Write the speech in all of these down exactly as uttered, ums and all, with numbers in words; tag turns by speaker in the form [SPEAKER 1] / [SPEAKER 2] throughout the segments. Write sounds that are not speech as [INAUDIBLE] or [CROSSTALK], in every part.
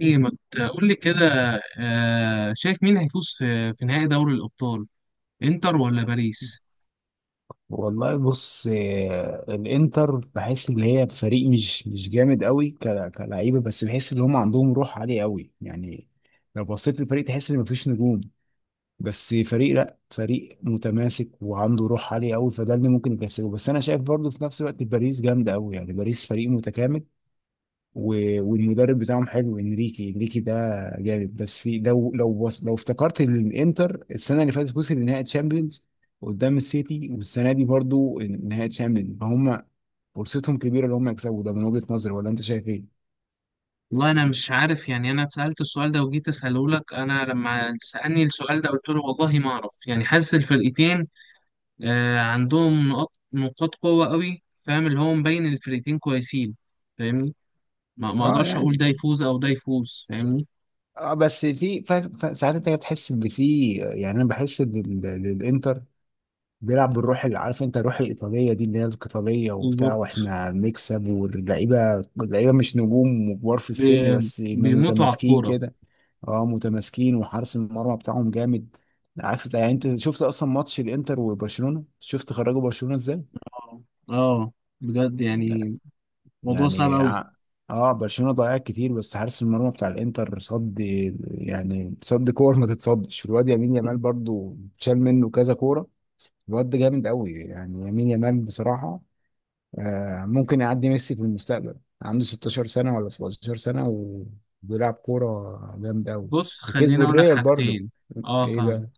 [SPEAKER 1] ايه ما تقول لي كده؟ آه، شايف مين هيفوز في في نهائي دوري الأبطال، انتر ولا باريس؟
[SPEAKER 2] والله بص، آه، الانتر بحس ان هي فريق مش مش جامد قوي ك- كلعيبه، بس بحس ان هم عندهم روح عاليه قوي يعني. لو بصيت للفريق تحس ان مفيش نجوم، بس فريق، لا فريق متماسك وعنده روح عاليه قوي، فده اللي ممكن يكسبه. بس انا شايف برضو في نفس الوقت باريس جامده قوي يعني باريس فريق متكامل. و- والمدرب بتاعهم حلو، انريكي، انريكي ده جامد. بس في لو لو وص- لو افتكرت الانتر السنه اللي فاتت وصل لنهائي تشامبيونز قدام السيتي، والسنه دي برضو نهائي تشامبيونز، فهم فرصتهم كبيره ان هم يكسبوا ده، من وجهه نظري، ولا انت شايف ايه؟
[SPEAKER 1] والله انا مش عارف يعني انا اتسألت السؤال ده وجيت اساله لك. انا لما سألني السؤال ده قلت له والله ما اعرف، يعني حاسس الفرقتين آه، عندهم نقاط نقاط قوة قوي. فاهم اللي هو مبين الفرقتين كويسين، فاهمني؟ ما ما
[SPEAKER 2] اه
[SPEAKER 1] اقدرش اقول
[SPEAKER 2] يعني.
[SPEAKER 1] ده يفوز او ده يفوز، فاهمني.
[SPEAKER 2] اه بس في ف- ف- ساعات انت بتحس ان في، يعني انا بحس ان ال- الانتر بيلعب بالروح، اللي عارف انت الروح الايطاليه دي اللي هي القتاليه وبتاع،
[SPEAKER 1] بالظبط.
[SPEAKER 2] واحنا بنكسب، واللعيبه، اللعيبه مش نجوم وكبار في السن،
[SPEAKER 1] ب-
[SPEAKER 2] بس
[SPEAKER 1] بيموتوا على
[SPEAKER 2] متماسكين
[SPEAKER 1] الكورة.
[SPEAKER 2] كده. اه متماسكين، وحارس المرمى بتاعهم جامد، عكس يعني. انت شفت اصلا ماتش الانتر وبرشلونه؟ شفت خرجوا برشلونه ازاي؟
[SPEAKER 1] اه. آه، بجد يعني موضوع صعب
[SPEAKER 2] يعني
[SPEAKER 1] قوي.
[SPEAKER 2] ع- اه برشلونه ضيعت كتير، بس حارس المرمى بتاع الانتر صد، يعني صد كور ما تتصدش. والواد يمين يامال برضو شال منه كذا كوره، الواد ده جامد قوي يعني يمين يامال بصراحه. آه، ممكن يعدي ميسي في المستقبل. عنده 16 سنة ولا 17 سنة، وبيلعب كورة جامدة أوي،
[SPEAKER 1] بص خليني
[SPEAKER 2] وكسبوا
[SPEAKER 1] اقول لك
[SPEAKER 2] الريال برضه.
[SPEAKER 1] حاجتين. اه
[SPEAKER 2] إيه
[SPEAKER 1] فاهم.
[SPEAKER 2] بقى؟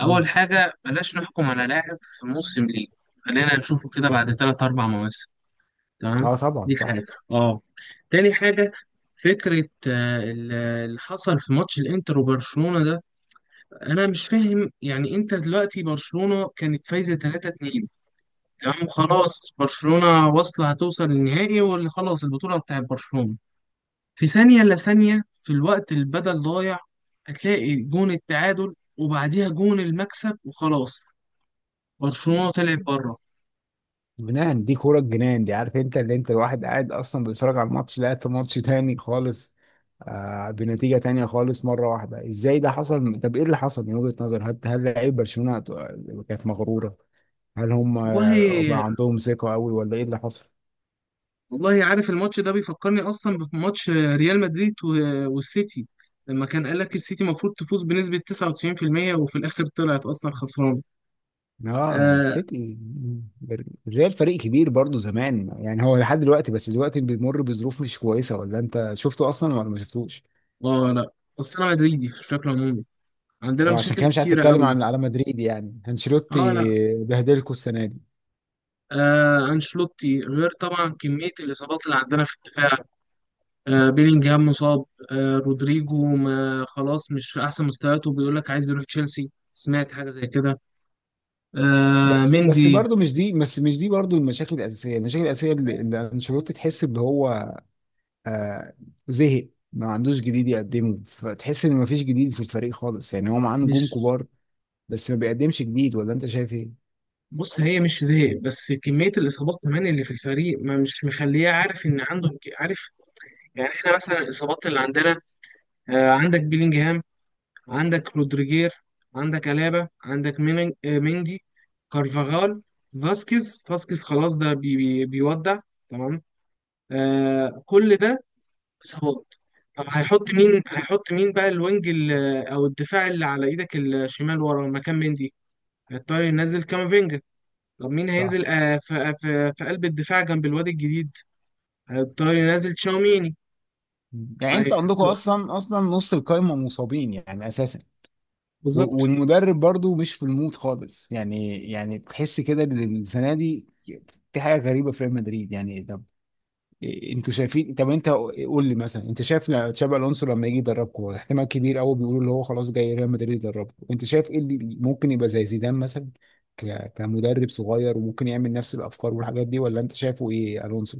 [SPEAKER 2] مم.
[SPEAKER 1] اول حاجه، بلاش نحكم على لاعب في موسم ليه، خلينا نشوفه كده بعد ثلاث اربع مواسم. تمام.
[SPEAKER 2] أه طبعا
[SPEAKER 1] دي حاجه.
[SPEAKER 2] صح.
[SPEAKER 1] اه. تاني حاجه، فكره آه، ال- اللي حصل في ماتش الانتر وبرشلونه ده، انا مش فاهم. يعني انت دلوقتي برشلونه كانت فايزه تلاتة اتنين، تمام؟ وخلاص برشلونه واصله، هتوصل للنهائي واللي خلاص البطوله بتاعت برشلونه. في ثانية إلا ثانية في الوقت البدل ضايع هتلاقي جون التعادل وبعديها جون المكسب وخلاص، برشلونة طلعت بره.
[SPEAKER 2] جنان، دي كورة الجنان دي، عارف أنت، اللي أنت الواحد قاعد أصلا بيتفرج على الماتش لقيت ماتش تاني خالص، آه بنتيجة تانية خالص مرة واحدة. إزاي ده حصل؟ طب إيه اللي حصل من وجهة نظر، هل هل لعيب برشلونة كانت مغرورة؟ هل هم، آه،
[SPEAKER 1] والله،
[SPEAKER 2] بقى عندهم ثقة أوي، ولا إيه اللي حصل؟
[SPEAKER 1] والله عارف الماتش ده بيفكرني أصلا بماتش ريال مدريد و- والسيتي، لما كان قال لك السيتي المفروض تفوز بنسبة تسعة وتسعون في المئة، وفي الآخر طلعت أصلا خسرانة.
[SPEAKER 2] اه
[SPEAKER 1] آه.
[SPEAKER 2] سيتي. الريال فريق كبير برضه زمان، يعني هو لحد دلوقتي، بس دلوقتي بيمر بظروف مش كويسه. ولا انت شفته اصلا ولا ما شفتوش؟
[SPEAKER 1] آه لا، أصل أنا مدريدي بشكل عمومي، عندنا
[SPEAKER 2] أو عشان
[SPEAKER 1] مشاكل
[SPEAKER 2] كده مش عايز
[SPEAKER 1] كتيرة
[SPEAKER 2] اتكلم
[SPEAKER 1] قوي.
[SPEAKER 2] عن، على مدريد يعني، انشيلوتي
[SPEAKER 1] آه لا.
[SPEAKER 2] بهدلكوا السنه دي.
[SPEAKER 1] آه أنشلوتي غير طبعا كمية الإصابات اللي عندنا في الدفاع. آه، بيلينجهام مصاب. آه، رودريجو ما خلاص مش في احسن مستوياته، بيقول لك عايز يروح تشيلسي، سمعت حاجه زي كده. آه،
[SPEAKER 2] بس بس
[SPEAKER 1] مندي.
[SPEAKER 2] برضه مش دي، بس مش دي برضه، المشاكل الاساسيه، المشاكل الاساسيه اللي اللي انشيلوتي، تحس ان هو، آه، زهق، ما عندوش جديد يقدمه، فتحس ان ما فيش جديد في الفريق خالص. يعني هو معاه
[SPEAKER 1] مش
[SPEAKER 2] نجوم كبار، بس ما بيقدمش جديد، ولا انت شايف ايه؟
[SPEAKER 1] بص، هي مش زهق، بس كميه الاصابات كمان اللي في الفريق ما مش مخليه عارف ان عنده. عارف، يعني احنا مثلا الاصابات اللي عندنا، آه، عندك بيلينجهام، عندك رودريجير، عندك الابا، عندك مين- آه، مندي، كارفاغال، فاسكيز فاسكيز خلاص ده بي بي بيودع، تمام. آه كل ده اصابات. طب هيحط مين، هيحط مين بقى الوينج ال- او الدفاع اللي على ايدك الشمال ورا مكان مندي؟ هيضطر ينزل كامافينجا. طب مين هينزل آه، في في في قلب الدفاع جنب الواد الجديد؟ هيضطر ينزل تشاوميني.
[SPEAKER 2] يعني انت عندكم
[SPEAKER 1] هيحط-
[SPEAKER 2] اصلا اصلا نص القايمه مصابين يعني اساسا. و-
[SPEAKER 1] بالظبط.
[SPEAKER 2] والمدرب برضو مش في المود خالص يعني، يعني تحس كده ان السنه دي في حاجه غريبه في ريال مدريد. يعني طب انتوا شايفين؟ طب انت قول لي مثلا، انت شايف لا- تشابي الونسو لما يجي يدربكم، هو احتمال كبير قوي بيقولوا اللي هو خلاص جاي ريال مدريد يدربكم، انت شايف ايه اللي ممكن يبقى زي زيدان مثلا، ك- كمدرب صغير، وممكن يعمل نفس الافكار والحاجات دي، ولا انت شايفه ايه الونسو؟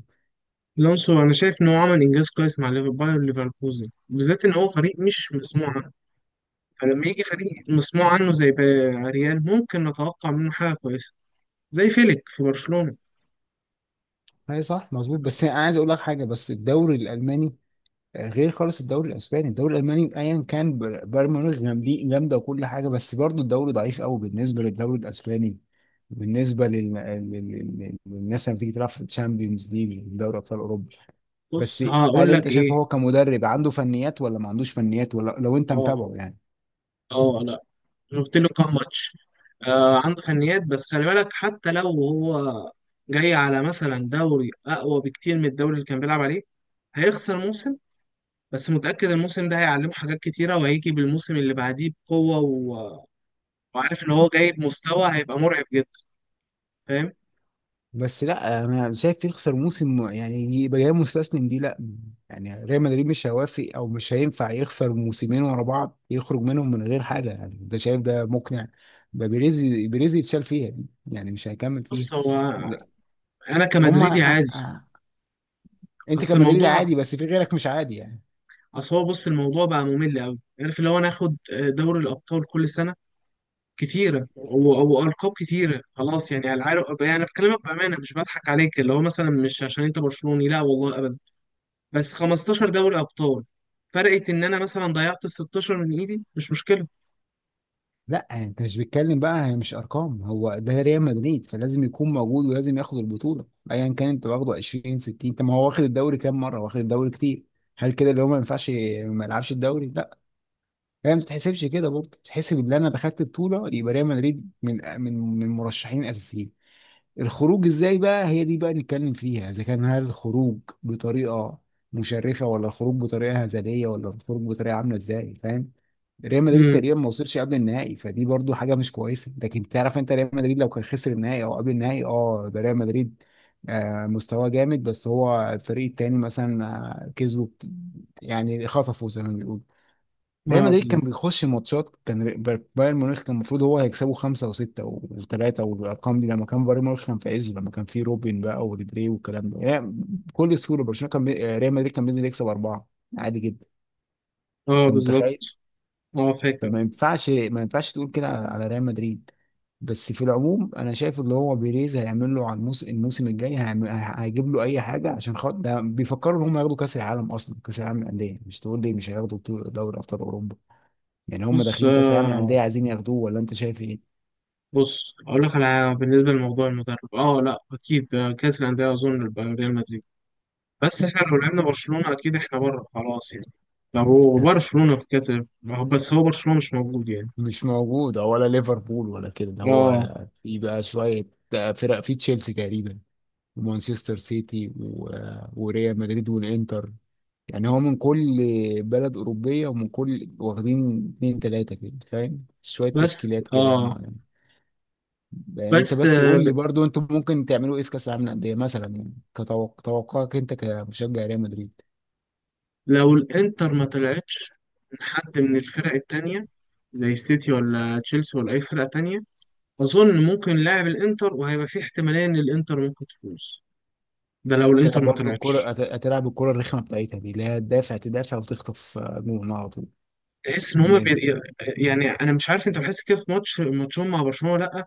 [SPEAKER 1] الونسو انا شايف ان هو عمل انجاز كويس مع ليفر- باير ليفركوزن، بالذات ان هو فريق مش مسموع عنه. فلما يجي فريق مسموع عنه زي بقى ريال، ممكن نتوقع منه حاجه كويسه، زي فيليك في برشلونه.
[SPEAKER 2] اي صح مظبوط، بس انا عايز اقول لك حاجه، بس الدوري الالماني غير خالص الدوري الاسباني. الدوري الالماني ايا كان، بر- بايرن ميونخ جامدين- جامده، وكل حاجه، بس برضو الدوري ضعيف قوي بالنسبه للدوري الاسباني، بالنسبه لل، لل، لل- للناس لما تيجي تلعب في الشامبيونز ليج، دوري ابطال اوروبا. بس
[SPEAKER 1] بص هقول
[SPEAKER 2] هل انت
[SPEAKER 1] لك
[SPEAKER 2] شايف
[SPEAKER 1] ايه.
[SPEAKER 2] هو كمدرب عنده فنيات، ولا ما عندوش فنيات، ولا لو انت
[SPEAKER 1] اه.
[SPEAKER 2] متابعه يعني.
[SPEAKER 1] اه. شفت له كام ماتش. آه عنده فنيات، بس خلي بالك حتى لو هو جاي على مثلا دوري اقوى بكتير من الدوري اللي كان بيلعب عليه، هيخسر موسم. بس متأكد الموسم ده هيعلمه حاجات كتيرة، وهيجي بالموسم اللي بعديه بقوة، و... وعارف ان هو جاي بمستوى هيبقى مرعب جدا، فاهم؟
[SPEAKER 2] بس لا انا شايف يخسر موسم يعني، يبقى جاي مستسلم، دي لا. يعني ريال مدريد مش هيوافق، او مش هينفع يخسر موسمين ورا بعض يخرج منهم من غير حاجه. يعني ده، شايف ده مقنع؟ ده بيريز، بيريز يتشال فيها دي، يعني مش هيكمل فيها.
[SPEAKER 1] بص هو
[SPEAKER 2] لا،
[SPEAKER 1] انا كمدريدي
[SPEAKER 2] هما، أ-
[SPEAKER 1] عادي.
[SPEAKER 2] أ- انت
[SPEAKER 1] بس
[SPEAKER 2] كمدريد
[SPEAKER 1] الموضوع،
[SPEAKER 2] عادي، بس في غيرك مش عادي يعني.
[SPEAKER 1] اصل هو بص، الموضوع بقى ممل قوي، عارف اللي هو ناخد دوري الابطال كل سنة كتيرة و- وألقاب كتيرة خلاص. يعني على العارف، يعني أنا بكلمك بأمانة، مش بضحك عليك، اللي هو مثلا مش عشان أنت برشلوني، لا والله أبدا. بس خمستاشر دوري أبطال فرقت، إن أنا مثلا ضيعت ال ستاشر من إيدي مش مشكلة.
[SPEAKER 2] لا انت مش بتتكلم بقى، هي مش ارقام، هو ده ريال مدريد، فلازم يكون موجود، ولازم ياخد البطوله ايا كان. انت واخده عشرين ستين، طب ما هو واخد الدوري كام مره، واخد الدوري كتير. هل كده اللي هو ما ينفعش ما يلعبش الدوري؟ لا، هي ما بتتحسبش كده برضه، بتتحسب ان انا دخلت بطوله، يبقى ريال مدريد من من من مرشحين اساسيين. الخروج ازاي بقى، هي دي بقى نتكلم فيها، اذا كان، هل الخروج بطريقه مشرفه، ولا الخروج بطريقه هزليه، ولا الخروج بطريقه عامله ازاي، فاهم. ريال مدريد
[SPEAKER 1] امم.
[SPEAKER 2] تقريبا ما وصلش قبل النهائي، فدي برضو حاجه مش كويسه. لكن تعرف انت ريال مدريد لو كان خسر النهائي او قبل النهائي، اه ده ريال مدريد، آه مستواه جامد، بس هو الفريق التاني مثلا، آه، كسبه بت- يعني خطفه زي ما بيقولوا. ريال
[SPEAKER 1] اه
[SPEAKER 2] مدريد كان
[SPEAKER 1] بالظبط.
[SPEAKER 2] بيخش ماتشات، كان ري- بر- بايرن ميونخ كان المفروض هو هيكسبه خمسة وستة وثلاثة، والأرقام دي لما كان بايرن ميونخ كان في عزه، لما كان في روبن بقى وريبيري والكلام ده يعني. بكل سهولة برشلونة كان بي... آه، ريال مدريد كان بينزل يكسب أربعة عادي جدا.
[SPEAKER 1] اه
[SPEAKER 2] أنت متخيل؟
[SPEAKER 1] بالظبط. اه فاكر.
[SPEAKER 2] فما ينفعش، ما ينفعش تقول كده على، على ريال مدريد. بس في العموم، أنا شايف اللي هو بيريز هيعمل له على الموس، الموسم الجاي، هيعمل، هيجيب له أي حاجة، عشان خاطر ده بيفكروا إن هم ياخدوا كأس العالم. أصلا كأس العالم للأندية، مش تقول لي مش هياخدوا بطولة دوري أبطال أوروبا، يعني هم
[SPEAKER 1] بص
[SPEAKER 2] داخلين كاس العالم
[SPEAKER 1] آه
[SPEAKER 2] للانديه عايزين ياخدوه، ولا انت شايف ايه؟
[SPEAKER 1] بص أقول لك على حاجة. بالنسبة لموضوع المدرب، اه لا أكيد. آه، كأس الأندية أظن يبقى ريال مدريد. بس إحنا لو لعبنا برشلونة أكيد إحنا بره، خلاص يعني، لو هو
[SPEAKER 2] [LAUGHS]
[SPEAKER 1] برشلونة في كأس. بس هو برشلونة مش موجود يعني.
[SPEAKER 2] مش موجود، أو ولا ليفربول ولا كده. ده
[SPEAKER 1] اه.
[SPEAKER 2] هو في بقى شويه فرق، في تشيلسي تقريبا، ومانشستر سيتي، و... وريال مدريد والانتر. يعني هو من كل بلد أوروبية ومن كل واخدين اتنين تلاتة كده، فاهم، شوية
[SPEAKER 1] بس.
[SPEAKER 2] تشكيلات كده
[SPEAKER 1] اه
[SPEAKER 2] معينة. يعني أنت
[SPEAKER 1] بس
[SPEAKER 2] بس
[SPEAKER 1] آه،
[SPEAKER 2] قول
[SPEAKER 1] ب-
[SPEAKER 2] لي برضو، أنتوا ممكن تعملوا إيه في كأس العالم للأندية مثلا، يعني كتوقعك أنت كمشجع ريال مدريد.
[SPEAKER 1] لو الانتر ما طلعتش من حد من الفرق التانية، زي سيتي ولا تشيلسي ولا اي فرقة تانية، اظن ممكن لاعب الانتر، وهيبقى في احتمالية ان الانتر ممكن تفوز. ده لو الانتر
[SPEAKER 2] هتلعب
[SPEAKER 1] ما
[SPEAKER 2] برضه الكرة،
[SPEAKER 1] طلعتش.
[SPEAKER 2] هت- هتلعب الكرة الرخمة بتاعتها دي، اللي هي تدافع تدافع وتخطف آه، جون على طول
[SPEAKER 1] تحس ان
[SPEAKER 2] في
[SPEAKER 1] هما
[SPEAKER 2] الإند.
[SPEAKER 1] بي... يعني انا مش عارف، انت بتحس كده في ماتش ماتشهم مع برشلونة ولا لا؟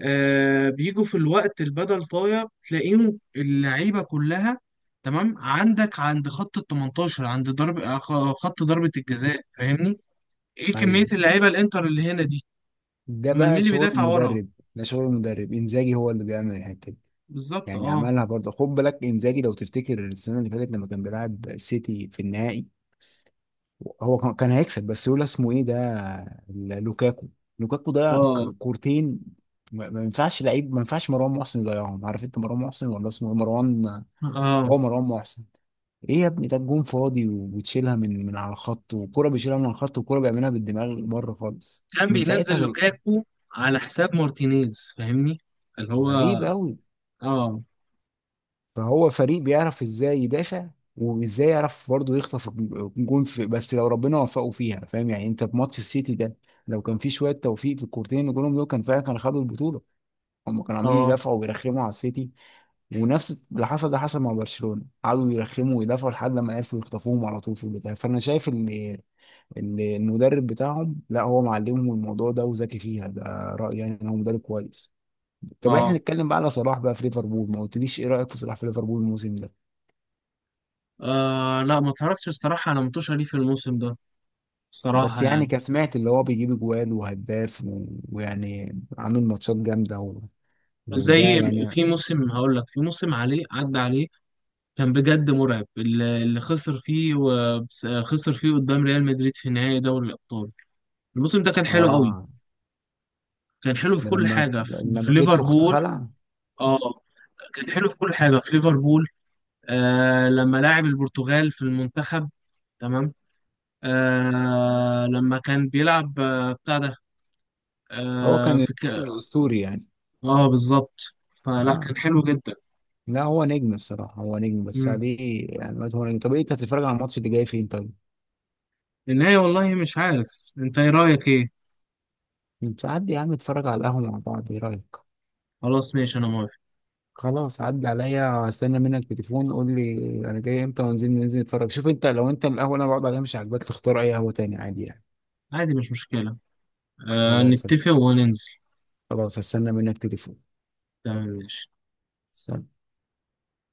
[SPEAKER 1] آه بيجوا في الوقت البدل طاير تلاقيهم اللعيبة كلها، تمام، عندك عند خط ال تمنتاشر، عند ضرب آه، خ- خط ضربة الجزاء، فاهمني؟ ايه كمية
[SPEAKER 2] أيوه،
[SPEAKER 1] اللعيبة الانتر اللي هنا دي؟
[SPEAKER 2] ده
[SPEAKER 1] امال مين
[SPEAKER 2] بقى
[SPEAKER 1] اللي
[SPEAKER 2] شغل
[SPEAKER 1] بيدافع ورا؟
[SPEAKER 2] المدرب. ده شغل المدرب إنزاجي، هو اللي بيعمل الحتة دي.
[SPEAKER 1] بالظبط.
[SPEAKER 2] يعني
[SPEAKER 1] اه.
[SPEAKER 2] عملها برضه، خد بالك إنزاجي، لو تفتكر السنة اللي فاتت لما كان بيلعب سيتي في النهائي، هو كان كان هيكسب، بس لولا اسمه إيه ده، ال- لوكاكو. لوكاكو ضيع
[SPEAKER 1] اه.
[SPEAKER 2] ك- كورتين. ما ما ينفعش لعيب، ما ينفعش مروان محسن يضيعهم، عارف انت مروان محسن، ولا اسمه إيه؟ مروان،
[SPEAKER 1] اه.
[SPEAKER 2] هو مروان محسن. ايه يا ابني، ده الجون فاضي وبتشيلها من من على الخط، وكرة بيشيلها من على الخط، وكرة بيعملها بالدماغ بره خالص،
[SPEAKER 1] كان
[SPEAKER 2] من
[SPEAKER 1] بينزل
[SPEAKER 2] ساعتها دول-
[SPEAKER 1] لوكاكو على حساب مارتينيز، فاهمني؟ اللي هو،
[SPEAKER 2] غريب قوي.
[SPEAKER 1] اه.
[SPEAKER 2] فهو فريق بيعرف ازاي يدافع، وازاي يعرف برضه يخطف الج- الجون، في بس لو ربنا وفقه فيها، فاهم يعني، انت في ماتش السيتي ده لو كان في شويه توفيق في الكورتين اللي جولهم دول، كان فعلا كانوا خدوا البطوله، هم كانوا عمالين
[SPEAKER 1] اه.
[SPEAKER 2] يدافعوا ويرخموا على السيتي. ونفس اللي حصل ده حصل مع برشلونه، قعدوا يرخموا ويدافعوا لحد ما عرفوا يخطفوهم على طول في البدايه. فانا شايف ان ان المدرب بتاعهم، لا هو معلمهم الموضوع ده وذكي فيها، ده رايي يعني، ان هو مدرب كويس. طب احنا
[SPEAKER 1] اه.
[SPEAKER 2] نتكلم بقى على صلاح بقى في ليفربول، ما قلتليش ايه رايك في صلاح في ليفربول الموسم ده.
[SPEAKER 1] آه لا ما اتفرجتش الصراحة على متوشة ليه في الموسم ده الصراحة،
[SPEAKER 2] بس يعني
[SPEAKER 1] يعني.
[SPEAKER 2] كسمعت اللي هو بيجيب اجوال وهداف و- ويعني عامل ماتشات جامده و...
[SPEAKER 1] بس زي،
[SPEAKER 2] وده يعني.
[SPEAKER 1] في موسم هقول لك في موسم عليه، عدى عليه كان بجد مرعب، اللي اللي خسر فيه و- بس- خسر فيه قدام ريال مدريد في نهائي دوري الأبطال، الموسم ده كان حلو قوي،
[SPEAKER 2] اه،
[SPEAKER 1] كان حلو في
[SPEAKER 2] ده
[SPEAKER 1] كل
[SPEAKER 2] لما
[SPEAKER 1] حاجة في في
[SPEAKER 2] لما جيت في اخت
[SPEAKER 1] ليفربول.
[SPEAKER 2] خلع.
[SPEAKER 1] اه. كان حلو في كل حاجه في ليفربول. آه لما لاعب البرتغال في المنتخب، تمام. آه لما كان بيلعب آه بتاع ده،
[SPEAKER 2] هو
[SPEAKER 1] اه
[SPEAKER 2] كان
[SPEAKER 1] في ك...
[SPEAKER 2] الموسم الاسطوري يعني.
[SPEAKER 1] اه بالظبط. فلا
[SPEAKER 2] اه،
[SPEAKER 1] كان حلو جدا.
[SPEAKER 2] لا هو نجم الصراحه، هو نجم بس
[SPEAKER 1] مم.
[SPEAKER 2] عليه، يعني هو نجم. طب إيه، انت هتتفرج على الماتش اللي جاي فين طيب؟
[SPEAKER 1] النهاية والله مش عارف، انت ايه رأيك ايه؟
[SPEAKER 2] انت عدي يا عم، اتفرج على القهوه مع بعض، ايه رايك؟
[SPEAKER 1] خلاص ماشي انا موافق.
[SPEAKER 2] خلاص عدى عليا، استنى منك تليفون، قول لي انا جاي امتى، وننزل ننزل نتفرج. شوف انت، لو انت القهوه اللي انا بقعد عليها مش عاجباك، تختار اي قهوه تاني، عادي يعني.
[SPEAKER 1] عادي مش مشكلة. آه
[SPEAKER 2] خلاص
[SPEAKER 1] نتفق
[SPEAKER 2] هس...
[SPEAKER 1] وننزل.
[SPEAKER 2] خلاص هستنى منك تليفون.
[SPEAKER 1] تمام ماشي.
[SPEAKER 2] سلام.